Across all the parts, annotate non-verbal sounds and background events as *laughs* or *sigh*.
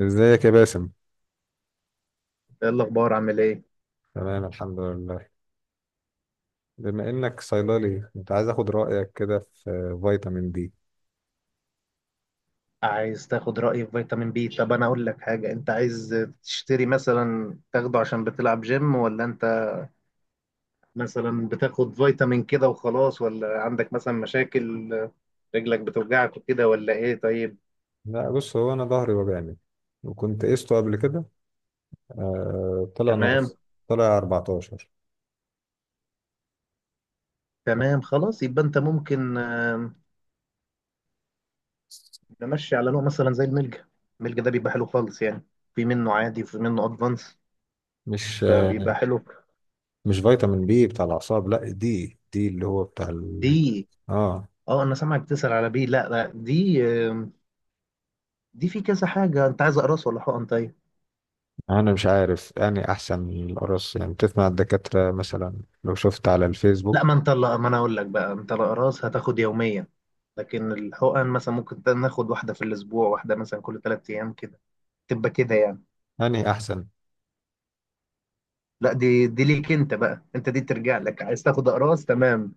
ازيك يا باسم. ايه الاخبار؟ عامل ايه؟ تمام الحمد لله. بما انك صيدلي كنت عايز اخد رايك كده في فيتامين دي. عايز تاخد رايي في فيتامين بي؟ طب انا اقول لك حاجه. انت عايز تشتري، مثلا، تاخده عشان بتلعب جيم، ولا انت مثلا بتاخد فيتامين كده وخلاص، ولا عندك مثلا مشاكل، رجلك بتوجعك وكده، ولا ايه؟ طيب. لا بص، هو انا ظهري وجعني وكنت قسته قبل كده، آه طلع تمام، ناقص. طلع 14. تمام. خلاص، يبقى انت ممكن، نمشي على نوع مثلا زي الملجا ده بيبقى حلو خالص يعني. في منه عادي وفي منه ادفانس، مش فبيبقى آه حلو. مش فيتامين بي بتاع الاعصاب، لا دي اللي هو بتاع دي. اه. اه، انا سامعك تسأل على بي. لا، لا، دي في كذا حاجة. انت عايز اقراص ولا حقن؟ طيب. انا مش عارف، يعني احسن القرص، يعني بتسمع الدكاتره مثلا لو شفت على لا، الفيسبوك. ما انت لا، ما انا اقول لك بقى. انت الاقراص هتاخد يوميا، لكن الحقن مثلا ممكن ناخد واحدة في الاسبوع، واحدة مثلا كل 3 ايام كده، تبقى كده يعني. يعني احسن. لا، دي ليك انت بقى. انت دي ترجع لك، عايز تاخد اقراص. تمام.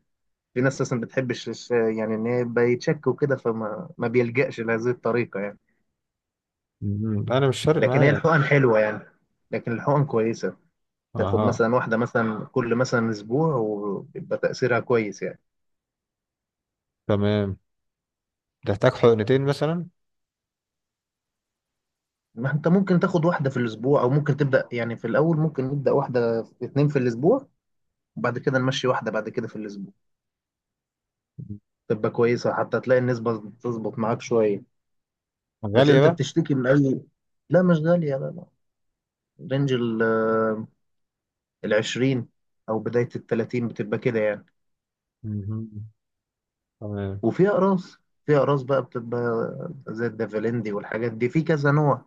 في ناس اصلا ما بتحبش يعني ان هي يبقى يتشك وكده، فما ما بيلجأش لهذه الطريقة يعني. انا مش فارق لكن هي معايا. الحقن حلوة يعني. لكن الحقن كويسة. تاخد اها، مثلا واحدة، مثلا، كل مثلا اسبوع، ويبقى تأثيرها كويس يعني. تمام. تحتاج حقنتين مثلا؟ ما انت ممكن تاخد واحدة في الأسبوع، أو ممكن تبدأ، يعني، في الأول ممكن نبدأ واحدة، اتنين في الأسبوع، وبعد كده نمشي واحدة بعد كده في الأسبوع. تبقى كويسة حتى تلاقي النسبة تظبط معاك شوية. بس غالية أنت بقى. بتشتكي من أي؟ لا، مش غالية، لا، لا. رينج ال 20 أو بداية ال 30 بتبقى كده يعني. مهم. تمام. وفي أقراص في أقراص بقى بتبقى زي الدافلندي والحاجات دي، في كذا نوع،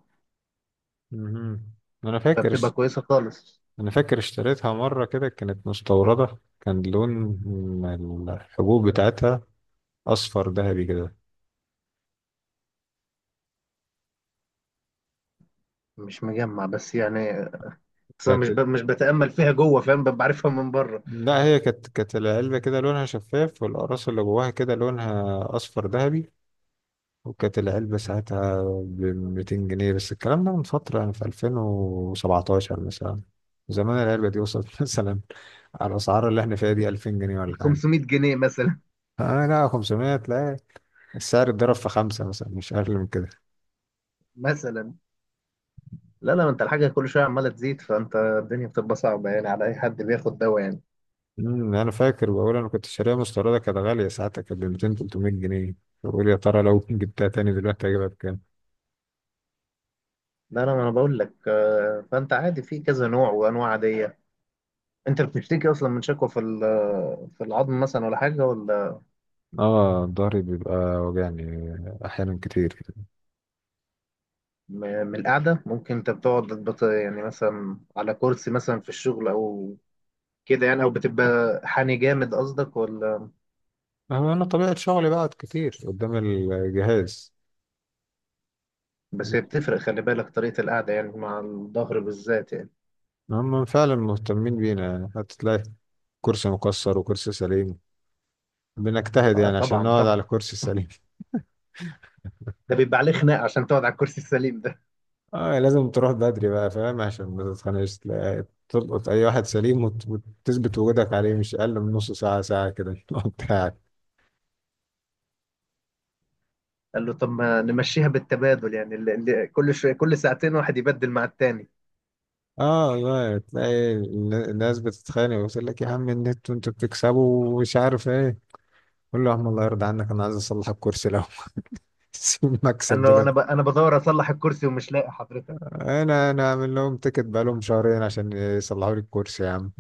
مهم. أنا فاكر. فبتبقى كويسة خالص. أنا فاكر اشتريتها مرة كده، كانت مستوردة. كان لون الحبوب بتاعتها أصفر ذهبي كده. مش مجمع بس يعني. بس أنا كانت. مش بتأمل فيها جوه، فاهم، ببقى عارفها من بره. لا هي كانت العلبة كده لونها شفاف والأقراص اللي جواها كده لونها أصفر ذهبي. وكانت العلبة ساعتها ب 200 جنيه، بس الكلام ده من فترة يعني، في 2017 مثلا. زمان العلبة دي وصلت *laughs* مثلا على الأسعار اللي احنا فيها دي 2000 جنيه ولا حاجة. 500 جنيه مثلا. اه لا، 500 تلاقي. السعر اتضرب في خمسة مثلا، مش أقل من كده. مثلا. لا، لا، ما انت الحاجه كل شويه عماله تزيد، فانت الدنيا بتبقى صعبه يعني، على اي حد بياخد دواء يعني. أنا فاكر. بقول أنا كنت شاريها مستوردة، كانت غالية ساعتها، كانت ب 200 300 جنيه. بقول يا ترى لو *laughs* جبتها تاني دلوقتي هجيبها بكام؟ لا، لا، ما انا بقول لك فانت عادي في كذا نوع وانواع عاديه. انت بتشتكي اصلا من شكوى في العظم مثلا، ولا حاجه، ولا؟ اه، ضهري بيبقى وجعني أحيانا كتير. من القعده. ممكن انت بتقعد، يعني مثلا على كرسي مثلا في الشغل، او كده يعني، او بتبقى حاني جامد قصدك، ولا؟ أما أنا طبيعة شغلي بقعد كتير قدام الجهاز. بس هي بتفرق، خلي بالك طريقه القعده يعني، مع الظهر بالذات يعني. هم فعلا مهتمين بينا، هتلاقي كرسي مكسر وكرسي سليم. بنجتهد آه، يعني عشان طبعا، نقعد طبعا. على كرسي سليم. ده بيبقى عليه خناق عشان تقعد على الكرسي السليم. اه لازم تروح بدري بقى، فاهم، عشان ما تتخنقش. تلقط اي واحد سليم وتثبت وجودك عليه مش اقل من نص ساعه ساعه كده *laughs* بتاعك. قال له: طب ما نمشيها بالتبادل يعني، اللي كل شويه كل ساعتين واحد يبدل مع التاني. اه والله، تلاقي الناس بتتخانق وتقول لك يا عم النت وانتوا بتكسبوا ومش عارف ايه. قول له يا عم الله يرضى عنك، انا عايز اصلح الكرسي لو *laughs* سيب قال مكسب له: دلوقتي. انا بدور اصلح الكرسي ومش لاقي حضرتك. انا عامل لهم تيكت بقالهم شهرين عشان يصلحوا لي الكرسي يا عم.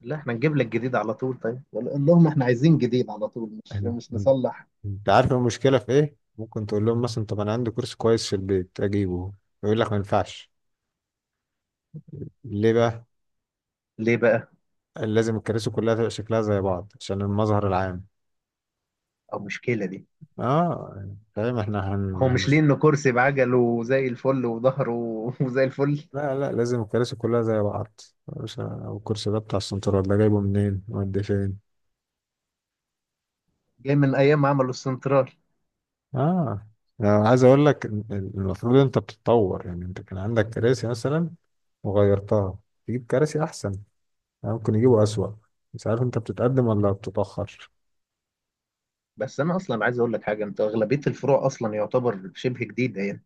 لا، احنا نجيب لك جديد على طول. طيب قال لهم: احنا عايزين جديد على طول، مش أن- مش نصلح. انت عارف المشكله في ايه؟ ممكن تقول لهم مثلا، طب انا عندي كرسي كويس في البيت اجيبه. يقول لك ما ينفعش. ليه بقى؟ ليه بقى؟ لازم الكراسي كلها تبقى شكلها زي بعض عشان المظهر العام. او مشكله دي. اه يعني فاهم، احنا هو مش ليه؟ انه كرسي بعجله وزي الفل وظهره *laughs* وزي الفل. لا لا، لازم الكراسي كلها زي بعض. مش ه- والكرسي ده بتاع السنترال ده جايبه منين ودي فين؟ جاي من ايام ما عملوا السنترال. اه. انا عايز اقول لك إن المفروض انت بتتطور، يعني انت كان عندك كراسي مثلا وغيرتها تجيب كراسي احسن. يعني ممكن يجيبوا اسوأ. مش عارف انت بتتقدم ولا بتتأخر. بس انا اصلا عايز اقول لك حاجه، انت اغلبيه الفروع اصلا يعتبر شبه جديده يعني.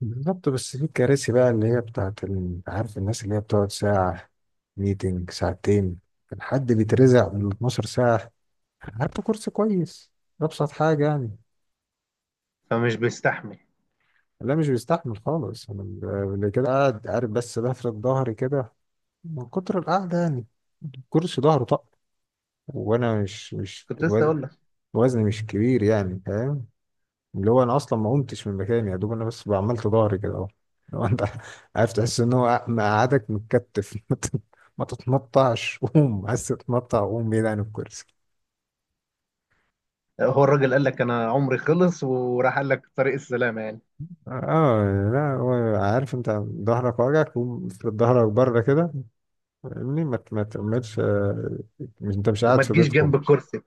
بالظبط. بس في كراسي بقى اللي هي عارف، الناس اللي هي بتقعد ساعة ميتنج ساعتين، كان حد بيترزع من 12 ساعة. هات له كرسي كويس. أبسط حاجة يعني. فمش بيستحمل. لا مش بيستحمل خالص. اللي كده قاعد عارف، بس لفرد ظهري كده من كتر القعدة يعني الكرسي ظهره طق. وأنا مش مش كنت لسه وز- اقول. وزني مش كبير يعني، فاهم؟ اللي هو انا اصلا ما قمتش من مكاني، يا دوب انا بس عملت ظهري كده اهو. لو انت *laughs* عارف تحس ان هو قعدك متكتف *laughs* ما تتنطعش. قوم. عايز تتنطع قوم بعيد عن الكرسي. هو الراجل قال لك: انا عمري خلص وراح، قال لك طريق السلامه يعني. اه. لا هو عارف انت ظهرك واجعك، قوم افرد ظهرك بره كده، فاهمني؟ ما تعملش مش انت مش وما قاعد في تجيش بيتكم. جنب الكرسي.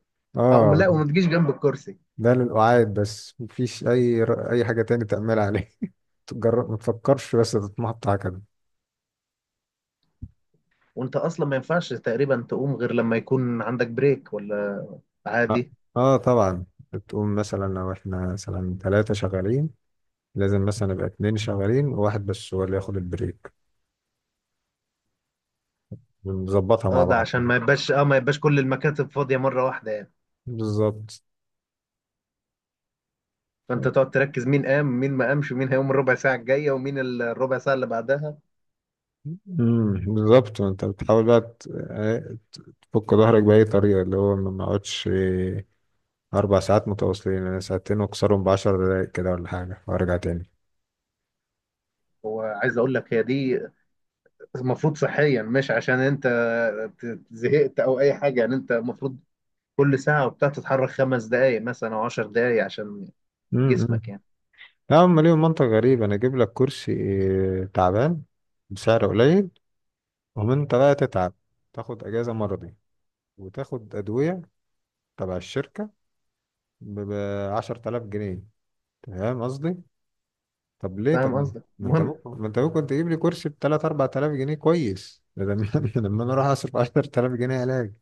اه، اه لا، وما تجيش جنب الكرسي. ده للقعاد بس، مفيش اي اي حاجه تاني تعملها عليه *laughs* تجرب ما تفكرش بس تتنطع كده. وانت اصلا ما ينفعش تقريبا تقوم غير لما يكون عندك بريك، ولا اه. عادي. آه طبعا. بتقوم مثلا لو احنا مثلا ثلاثة شغالين، لازم مثلا يبقى اتنين شغالين وواحد بس هو اللي ياخد البريك. ونظبطها اه، مع ده بعض عشان كده. ما يبقاش كل المكاتب فاضيه مره واحده يعني. بالظبط. فانت تقعد تركز مين قام، مين ما قامش، ومين هيقوم الربع ساعه الجايه، ومين الربع ساعه اللي بعدها. بالظبط. وانت بتحاول بقى تفك ظهرك بأي طريقة، اللي هو ما نقعدش أربع ساعات متواصلين. أنا ساعتين وأكسرهم بعشر دقايق كده ولا حاجة وأرجع تاني. وعايز اقول لك، هي دي المفروض صحيا، مش عشان انت زهقت او اي حاجه يعني، انت المفروض كل ساعه وبتاع تتحرك 5 دقائق مثلا او 10 دقائق عشان امم. جسمك يعني. لا هم ليهم منطق غريب. أنا أجيب لك كرسي تعبان بسعر قليل، ومن أنت بقى تتعب تاخد أجازة مرضي وتاخد أدوية تبع الشركة ب 10000 جنيه. تمام قصدي. طب ليه؟ طب فاهم ما قصدك. ما انت المهم. ممكن ما انت ممكن تجيب لي كرسي ب 3 4000 جنيه كويس ده، لما *laughs* لما انا اروح اصرف 10000 جنيه علاج؟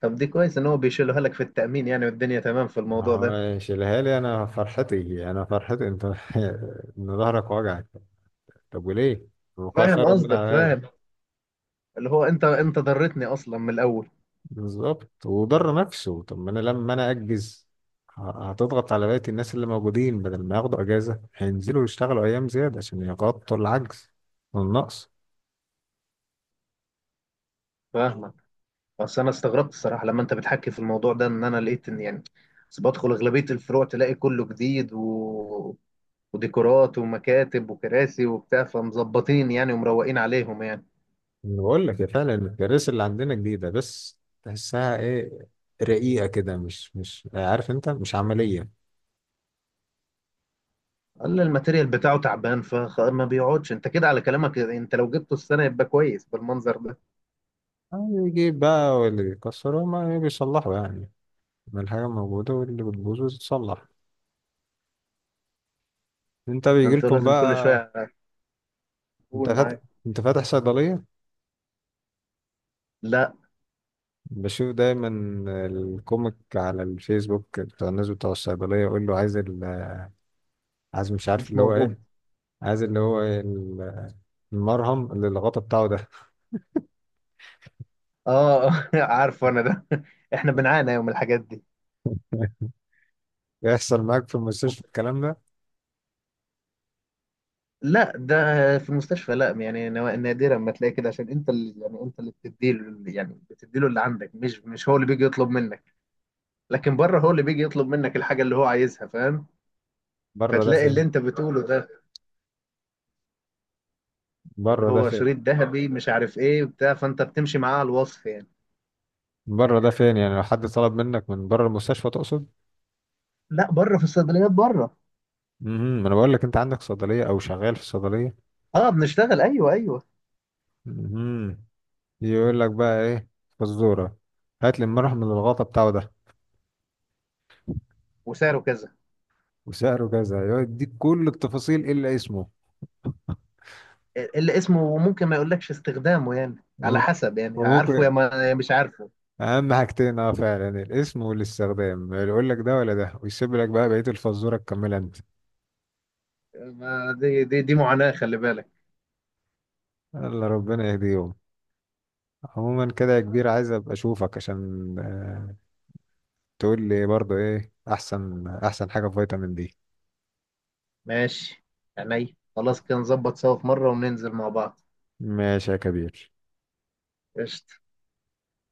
طب دي كويس ان هو بيشيلها لك في التأمين يعني، والدنيا تمام في ما الموضوع ده. هو شيلها لي. انا فرحتي انت *laughs* ان ظهرك وجعك؟ طب وليه؟ وقاية فاهم خير من قصدك، علاج. فاهم. اللي هو انت ضرتني اصلا من الاول. بالظبط. وضر نفسه. طب ما انا لما انا اجز، هتضغط على بقية الناس اللي موجودين، بدل ما ياخدوا اجازة هينزلوا يشتغلوا ايام زيادة عشان يغطوا العجز والنقص. فاهمك. بس انا استغربت الصراحة لما انت بتحكي في الموضوع ده، ان انا لقيت ان يعني، بس بدخل اغلبية الفروع تلاقي كله جديد وديكورات ومكاتب وكراسي وبتاع، فمظبطين يعني، ومروقين عليهم يعني. انا بقول لك يا فعلا، المدارس اللي عندنا جديدة بس تحسها ايه، رقيقة كده، مش عارف انت، مش عملية. قال لي الماتيريال بتاعه تعبان، فما بيقعدش. انت كده على كلامك، انت لو جبته السنة يبقى كويس بالمنظر ده. يجي بقى واللي بيكسروا ما بيصلحوا يعني، ما الحاجة موجودة واللي بتبوظ بتتصلح. انت انتوا بيجيلكم لازم كل بقى؟ شوية انت تقول فاتح معاك. انت فاتح صيدلية؟ لا، بشوف دايما الكوميك على الفيسبوك بتاع الناس بتوع الصيدلية، يقول له عايز عايز مش عارف مش اللي هو موجود. ايه، عايز اللي هو إيه المرهم اللي الغطا بتاعه ده. اه، *laughs* عارفه انا ده. *laughs* احنا بنعاني يوم الحاجات دي. *laughs* يحصل معاك في المستشفى الكلام ده؟ لا، ده. في المستشفى، لا يعني، نادرا ما تلاقي كده، عشان انت اللي، يعني، انت اللي بتديله يعني، اللي عندك، مش هو اللي بيجي يطلب منك. لكن بره هو اللي بيجي يطلب منك الحاجه اللي هو عايزها، فاهم؟ بره ده فتلاقي فين؟ اللي انت بتقوله ده، اللي بره ده هو فين؟ شريط ذهبي مش عارف ايه بتاع، فانت بتمشي معاه على الوصف يعني. بره ده فين يعني؟ لو حد طلب منك من بره المستشفى تقصد؟ لا، بره في الصيدليات، بره. امم. ما انا بقول لك انت عندك صيدلية او شغال في صيدلية. اه، بنشتغل. ايوه، ايوه. امم. يقول لك بقى ايه، فزورة. هات لي المرهم اللي الغطا بتاعه ده وسعره كذا. وسعره كذا. يقعد يديك كل التفاصيل الا اسمه. اللي اسمه ممكن ما يقولكش استخدامه يعني، على هو- حسب يعني، عارفه وممكن يا ما يا مش عارفه. اهم حاجتين اه فعلا الاسم والاستخدام. يقول لك ده ولا ده ويسيب لك بقى بقية الفزورة تكملها انت. ما دي معاناة، خلي بالك. يلا ربنا يهديهم. عموما كده يا كبير، عايز ابقى اشوفك عشان تقول لي برضو ايه احسن احسن حاجة في فيتامين دي. ماشي، عينيا. خلاص، كده نظبط سوا في مرة وننزل مع بعض. ماشي يا كبير. قشطة.